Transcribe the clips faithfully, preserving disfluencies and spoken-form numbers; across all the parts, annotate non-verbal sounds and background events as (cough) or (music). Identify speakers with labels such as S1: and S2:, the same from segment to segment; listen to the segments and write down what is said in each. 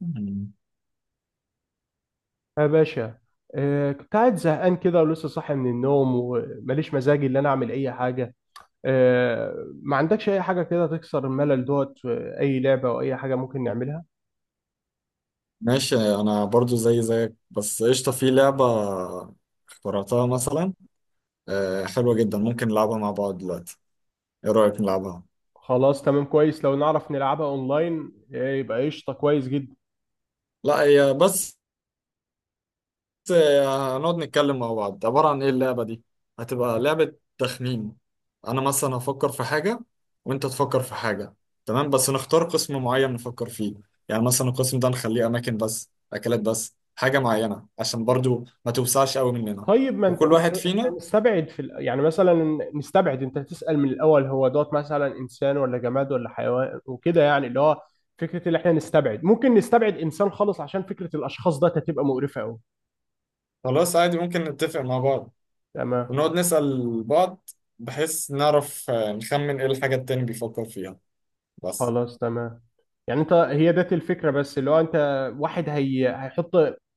S1: مم.
S2: يا باشا. آه كنت قاعد زهقان كده ولسه صاحي من النوم وماليش مزاج اللي انا اعمل اي حاجه. آه. ما عندكش اي حاجه كده تكسر الملل دوت، آه، اي لعبه او اي حاجه ممكن نعملها؟
S1: ماشي، انا برضو زي زيك. بس قشطة، في لعبة اخترعتها مثلا. آه، حلوة جدا، ممكن نلعبها مع بعض دلوقتي؟ ايه رأيك نلعبها؟
S2: خلاص تمام كويس، لو نعرف نلعبها اونلاين آه، يبقى قشطه كويس جدا.
S1: لا هي بس، آه، هنقعد نتكلم مع بعض. عبارة عن ايه اللعبة دي؟ هتبقى لعبة تخمين. انا مثلا هفكر في حاجة، وانت تفكر في حاجة. تمام، بس نختار قسم معين نفكر فيه. يعني مثلا القسم ده نخليه اماكن بس، اكلات بس، حاجة معينة، عشان برضو ما توسعش قوي مننا.
S2: طيب ما انت
S1: وكل
S2: ما انت-
S1: واحد
S2: احنا
S1: فينا.
S2: نستبعد في ال- يعني مثلا نستبعد، انت تسأل من الاول هو دوت مثلا انسان ولا جماد ولا حيوان وكده، يعني اللي هو فكره اللي احنا نستبعد. ممكن نستبعد انسان خالص عشان فكره الاشخاص ده هتبقى مقرفه قوي.
S1: خلاص، عادي، ممكن نتفق مع بعض
S2: تمام.
S1: ونقعد نسأل بعض، بحيث نعرف آه، نخمن ايه الحاجة التاني بيفكر فيها. بس
S2: خلاص تمام، يعني انت هي ديت الفكرة، بس اللي هو انت واحد هي هيحط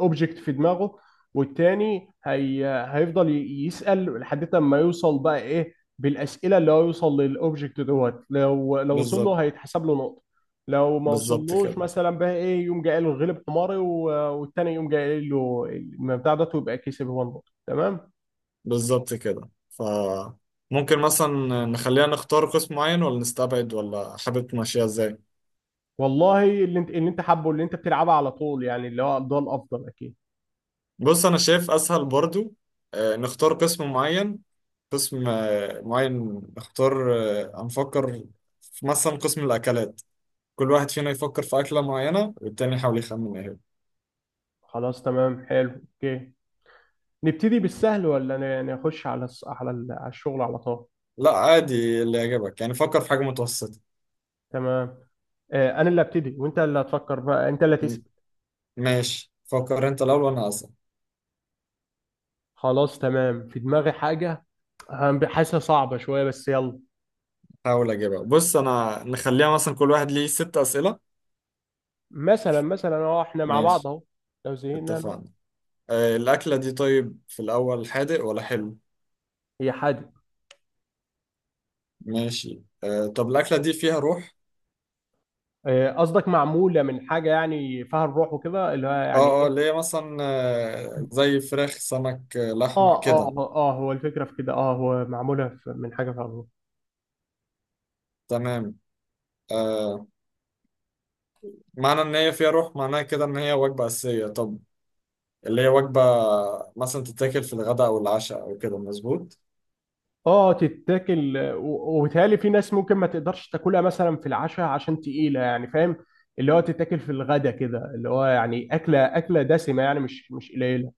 S2: اوبجكت في دماغه، والتاني هي هيفضل ي- يسأل لحد ما يوصل بقى ايه بالأسئلة اللي هو يوصل للاوبجكت دوت. لو لو وصل له
S1: بالظبط.
S2: هيتحسب له نقطة. لو ما
S1: بالظبط
S2: وصلوش
S1: كده.
S2: مثلا بقى ايه، يقوم جاي قايل له غلب حماري و- والتاني يقوم جاي قايل له المبدأ ده ويبقى كسب هو النقطة. تمام.
S1: بالظبط كده. ف ممكن مثلا نخليها، نختار قسم معين ولا نستبعد، ولا حابب تمشيها ازاي؟
S2: والله اللي انت اللي انت حابه، اللي انت بتلعبها على طول، يعني اللي هو ده الافضل اكيد.
S1: بص، انا شايف اسهل برضو آه، نختار قسم معين. قسم آه، معين نختار. آه، هنفكر في مثلا قسم الاكلات. كل واحد فينا يفكر في أكلة معينة، والتاني يحاول يخمن ايه هي.
S2: خلاص تمام حلو. اوكي، نبتدي بالسهل ولا ن- نخش على الس- على ال- على الشغل على طول؟
S1: لا، عادي، اللي يعجبك. يعني فكر في حاجة متوسطة.
S2: تمام. آه، انا اللي ابتدي وانت اللي هتفكر، بقى انت اللي تسأل.
S1: م- ماشي، فكر انت الأول وأنا أصلا
S2: خلاص تمام، في دماغي حاجه. هن- حاسسها صعبه شويه بس يلا.
S1: هحاول أجيبها. بص، أنا نخليها مثلا كل واحد ليه ست أسئلة.
S2: مثلا مثلا اهو احنا مع بعض
S1: ماشي،
S2: اهو. لو زهقنا أنا-
S1: اتفقنا. آه، الأكلة دي طيب، في الأول حادق ولا حلو؟
S2: هي حادي.
S1: ماشي. آه، طب الأكلة دي فيها روح؟
S2: آه، قصدك معموله من حاجه يعني فيها الروح وكده، اللي هو
S1: اه
S2: يعني
S1: اه،
S2: ايه؟
S1: اللي هي مثلا آه زي فراخ، سمك، آه لحمة
S2: اه اه
S1: كده.
S2: اه آه، هو الفكره في كده، اه هو معموله في- من حاجه فيها الروح.
S1: تمام. آه، معنى إن هي فيها روح معناها كده إن هي وجبة أساسية. طب اللي هي وجبة مثلا تتاكل في الغداء أو العشاء أو كده؟ مظبوط.
S2: اه تتاكل و- وبيتهيألي في ناس ممكن ما تقدرش تاكلها مثلا في العشاء عشان تقيلة، يعني فاهم. اللي هو تتاكل في الغدا كده، اللي هو يعني أكلة أكلة دسمة، يعني مش مش قليلة.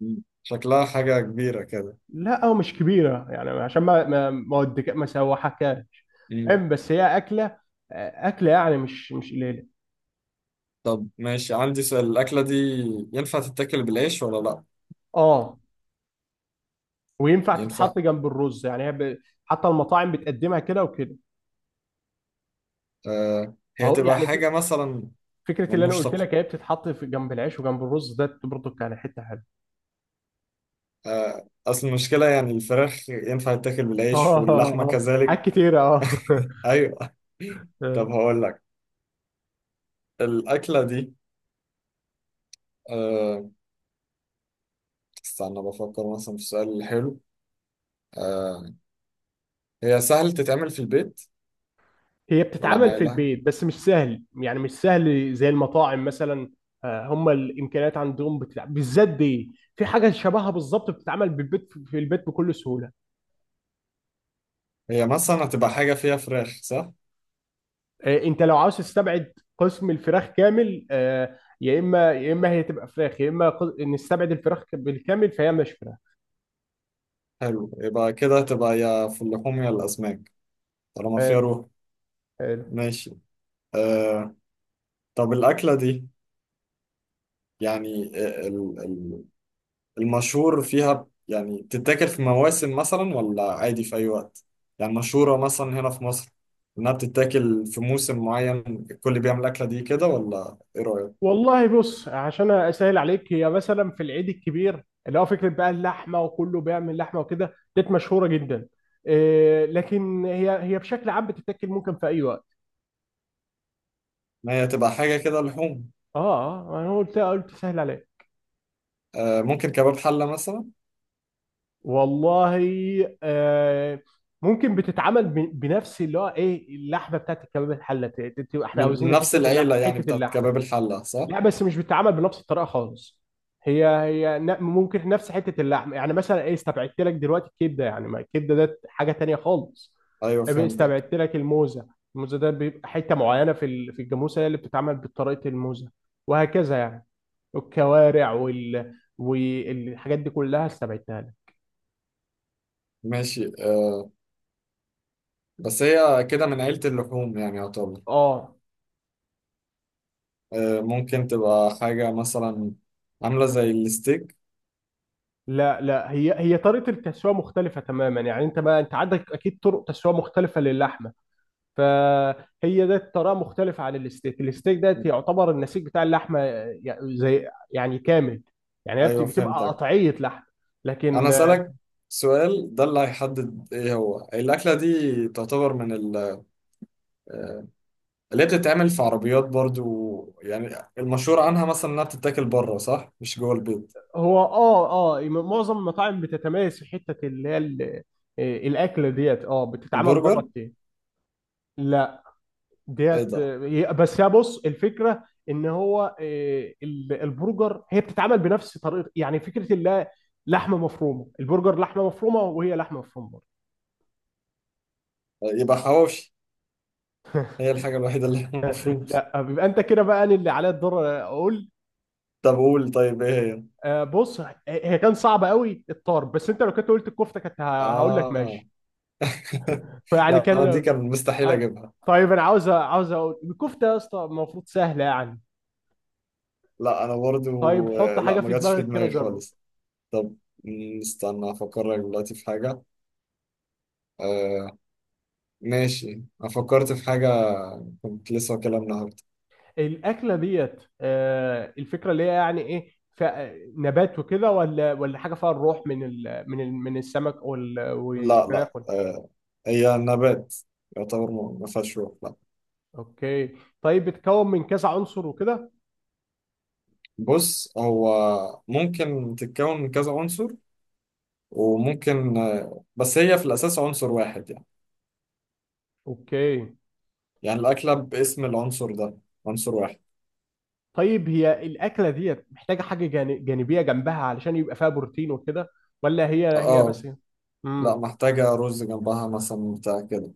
S1: مم. شكلها حاجة كبيرة كده.
S2: لا أو مش كبيرة يعني عشان ما ما ما ودك- ما سوحكهاش.
S1: مم.
S2: فاهم، بس هي أكلة. أكلة يعني مش مش قليلة.
S1: طب ماشي، عندي سؤال: الأكلة دي ينفع تتاكل بالعيش ولا لأ؟
S2: اه وينفع
S1: ينفع.
S2: تتحط جنب الرز يعني هي ب- حتى المطاعم بتقدمها كده وكده.
S1: آه، هي
S2: اهو
S1: تبقى
S2: يعني في-
S1: حاجة مثلا
S2: فكرة
S1: من
S2: اللي أنا قلت
S1: مشتق.
S2: لك هي بتتحط في جنب العيش وجنب الرز ده، برضه كان حتة حلوة.
S1: آه، أصل المشكلة، يعني الفراخ ينفع تتاكل
S2: اه
S1: بالعيش،
S2: اه
S1: واللحمة
S2: آه، آه.
S1: كذلك.
S2: حاجات كتيرة اه (laughs)
S1: (laughs) أيوه.
S2: آه.
S1: طب هقول لك، الأكلة دي آه، استنى بفكر مثلا في السؤال الحلو. آه، هي سهل تتعمل في البيت
S2: هي
S1: ولا
S2: بتتعمل
S1: ما
S2: في
S1: لها؟
S2: البيت بس مش سهل، يعني مش سهل زي المطاعم مثلا. آه، هم الامكانيات عندهم بتلعب، بالذات دي في حاجة شبهها بالظبط بتتعمل بالبيت في البيت بكل سهولة.
S1: هي مثلا هتبقى حاجة فيها فراخ، صح؟
S2: آه، انت لو عاوز تستبعد قسم الفراخ كامل، آه، يا اما يا اما هي تبقى فراخ، يا اما قس- نستبعد الفراخ بالكامل فهي مش فراخ.
S1: حلو، يبقى كده تبقى يا في اللحوم يا الأسماك، طالما فيها
S2: حلو.
S1: روح.
S2: حلو.
S1: ماشي. آه، طب الأكلة دي يعني آه، ال- ال- المشهور فيها يعني بتتاكل في مواسم مثلا ولا عادي في أي وقت؟ يعني مشهورة مثلا هنا في مصر إنها بتتاكل في موسم معين، الكل بيعمل الأكلة دي كده، ولا إيه رأيك؟
S2: والله بص، عشان اسهل عليك هي مثلا في العيد الكبير، اللي هو فكره بقى اللحمه، وكله بيعمل لحمه وكده، ديت مشهوره جدا. إيه لكن هي هي بشكل عام بتتاكل ممكن في اي وقت.
S1: إن هي تبقى حاجة كده لحوم.
S2: اه اه، انا قلت قلت سهل عليك.
S1: آه، ممكن كباب حلة مثلا.
S2: والله. آه ممكن بتتعمل ب- بنفس اللي هو ايه اللحمه بتاعت الكباب الحله، ت- ت- تبقى احنا
S1: من من
S2: عاوزين
S1: نفس
S2: حته اللحمه
S1: العيلة يعني
S2: حته
S1: بتاعت
S2: اللحمه.
S1: كباب الحلة، صح؟
S2: لا بس مش بتتعمل بنفس الطريقه خالص. هي هي ن- ممكن نفس حته اللحم، يعني مثلا ايه استبعدت لك دلوقتي الكبده، يعني ما الكبده ده حاجه تانية خالص.
S1: أيوه، فهمتك.
S2: استبعدت لك الموزه. الموزه ده بيبقى حته معينه في ال- في الجاموسه، هي اللي بتتعمل بطريقه الموزه. وهكذا يعني. الكوارع وال والحاجات دي كلها استبعدتها لك.
S1: ماشي. آه، بس هي كده من عيلة اللحوم يعني يعتبر.
S2: اه.
S1: آه، ممكن تبقى حاجة مثلا عاملة زي الستيك.
S2: لا لا، هي هي طريقه التسويه مختلفه تماما، يعني انت ما انت عندك اكيد طرق تسويه مختلفه للحمه. فهي ده طريقه مختلفه عن الستيك. الستيك ده يعتبر النسيج بتاع اللحمه، يع- زي يعني كامل. يعني هي بت-
S1: أيوة،
S2: بتبقى
S1: فهمتك.
S2: قطعيه لحم.
S1: أنا
S2: لكن آه،
S1: أسألك سؤال ده اللي هيحدد إيه هو: الأكلة دي تعتبر من ال- آه، اللي هي بتتعمل في عربيات برضو يعني، المشهور عنها مثلا إنها بتتاكل بره، صح؟ مش جوه البيت؟
S2: هو اه اه معظم المطاعم بتتميز في حته اللي هي ال- آه، الاكل ديت اه بتتعمل بره
S1: البرجر؟
S2: كتير. لا.
S1: إيه ده
S2: ديت
S1: آه،
S2: آه، هي- بس يا بص الفكره ان هو آه، ال- البرجر هي بتتعمل بنفس طريقه، يعني فكره اللي هي لحمه مفرومه، البرجر لحمه مفرومه وهي لحمه مفرومه.
S1: يبقى حواوشي، هي الحاجة الوحيدة اللي (laughs) المفروض.
S2: لا، بيبقى انت كده بقى، انا اللي عليا الدور اقول.
S1: طب قول، طيب إيه هي؟
S2: آه، بص. هي كان صعبه قوي الطرب، بس انت لو كنت قلت الكفته كنت ه- هقول لك
S1: آه.
S2: ماشي.
S1: (laughs)
S2: فيعني
S1: لا أنا
S2: كان.
S1: دي كان مستحيل
S2: ه-
S1: أجيبها.
S2: طيب انا عاوز، عاوز اقول الكفته يا اسطى، المفروض سهله يعني.
S1: لا انا برضو
S2: طيب حط
S1: آه، لا،
S2: حاجه
S1: ما
S2: في
S1: جاتش في
S2: دماغك كده
S1: دماغي
S2: جرب.
S1: خالص. طب، مم، استنى افكر لك دلوقتي في حاجه. آه. ماشي، انا فكرت في حاجه كنت لسه واكلها النهارده.
S2: الاكله ديت، آه، الفكره اللي هي يعني ايه، ف- نبات وكده ولا ولا حاجه فيها الروح، من ال من ال من السمك وال-
S1: لا
S2: والفراخ
S1: لا.
S2: وال-
S1: آه، هي نبات يعتبر، ما ما فيهاش روح، لا.
S2: اوكي. طيب بتتكون من كذا عنصر وكده؟
S1: بص، هو ممكن تتكون من كذا عنصر، وممكن آه، بس هي في الاساس عنصر واحد يعني.
S2: اوكي.
S1: يعني الاكله باسم العنصر ده، عنصر واحد.
S2: طيب هي الأكلة ديت محتاجة حاجة جان- جانبية جنبها علشان يبقى فيها بروتين وكده، ولا هي هي
S1: اه.
S2: بس؟
S1: لا،
S2: امم
S1: محتاجه رز جنبها مثلا بتاع كده.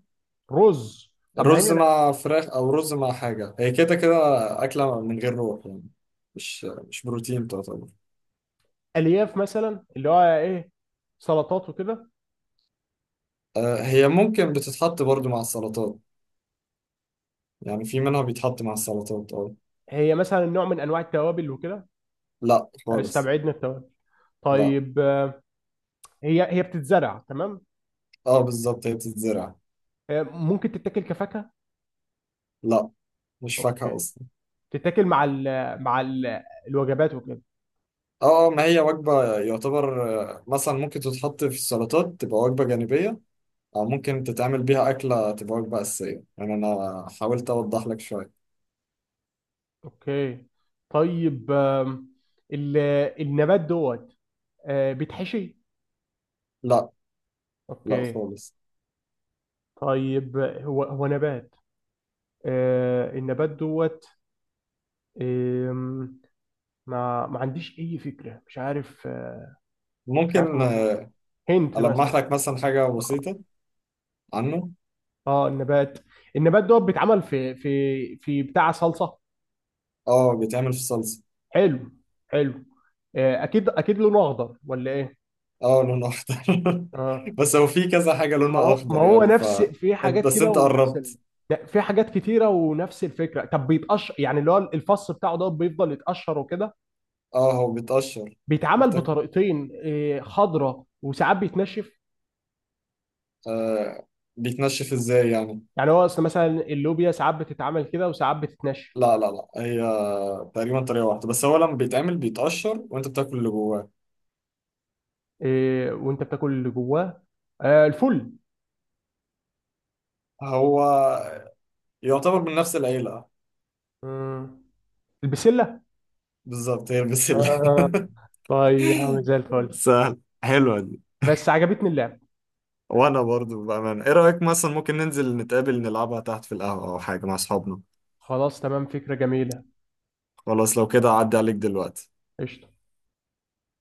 S2: رز، طب ما
S1: رز
S2: هي
S1: مع فراخ، او رز مع حاجه، هي كده كده اكله من غير روح يعني، مش مش بروتين تعتبر.
S2: الألياف مثلا، اللي هو إيه، سلطات وكده.
S1: آه، هي ممكن بتتحط برضو مع السلطات، يعني في منها بيتحط مع السلطات، اه.
S2: هي مثلا نوع من أنواع التوابل وكده؟
S1: لا خالص.
S2: استبعدنا التوابل.
S1: لا.
S2: طيب. آه، هي هي بتتزرع تمام؟
S1: اه بالظبط، هي بتتزرع.
S2: آه، ممكن تتاكل كفاكهة؟
S1: لا، مش
S2: اوكي.
S1: فاكهه اصلا.
S2: تتاكل مع ال مع ال الوجبات وكده.
S1: اه. آه، ما هي وجبه يعتبر. آه، مثلا ممكن تتحط في السلطات تبقى وجبه جانبيه، او ممكن تتعمل بيها اكله تبقى وجبه اساسيه، يعني انا حاولت اوضح لك شويه.
S2: اوكي. طيب. آم، ال- النبات دوت، آه، بيتحشي؟
S1: لا. لا
S2: اوكي.
S1: خالص.
S2: طيب هو هو نبات. آه النبات دوت. آم، ما ما عنديش اي فكره مش عارف، آه، مش عارف
S1: ممكن
S2: الموضوع ده.
S1: آه،
S2: هنت
S1: ألمح
S2: مثلا.
S1: لك مثلا حاجة
S2: آه.
S1: بسيطة عنه.
S2: اه النبات النبات دوت بيتعمل في في في بتاع صلصه.
S1: اه، بيتعمل في صلصة.
S2: حلو. حلو. آه اكيد اكيد، لونه اخضر ولا ايه؟
S1: اه، لونه أخضر.
S2: اه،
S1: (laughs) بس هو في كذا حاجة
S2: ما
S1: لونها
S2: هو ما
S1: أخضر
S2: هو
S1: يعني ف
S2: نفس في
S1: أنت-
S2: حاجات
S1: بس
S2: كده
S1: أنت
S2: ونفس ال...
S1: قربت.
S2: لا، في حاجات كتيره ونفس الفكره. طب بيتقشر، يعني اللي هو الفص بتاعه ده بيفضل يتقشر وكده.
S1: اه، هو بيتقشر
S2: بيتعمل
S1: وبتاكل.
S2: بطريقتين، إيه، خضره وساعات بيتنشف.
S1: آه، بيتنشف ازاي يعني؟
S2: يعني هو اصل مثلا اللوبيا ساعات بتتعمل كده وساعات بتتنشف.
S1: لا لا لا، هي تقريبا طريقة واحدة، بس هو لما بيتعمل بيتقشر وأنت بتاكل اللي جواه.
S2: إيه، وانت بتاكل اللي جواه. آه، الفل.
S1: هو يعتبر من نفس العيلة.
S2: مم. البسله.
S1: بالظبط، هي البسلة.
S2: آه. طيب يا عم زي
S1: (laughs)
S2: الفل.
S1: سهل، حلوة دي.
S2: بس عجبتني اللعبه.
S1: وانا برضو بأمانة، ايه رأيك مثلا ممكن ننزل نتقابل نلعبها تحت في القهوة او حاجة مع اصحابنا؟
S2: خلاص تمام فكره جميله.
S1: خلاص، لو كده اعدي عليك دلوقتي.
S2: قشطه.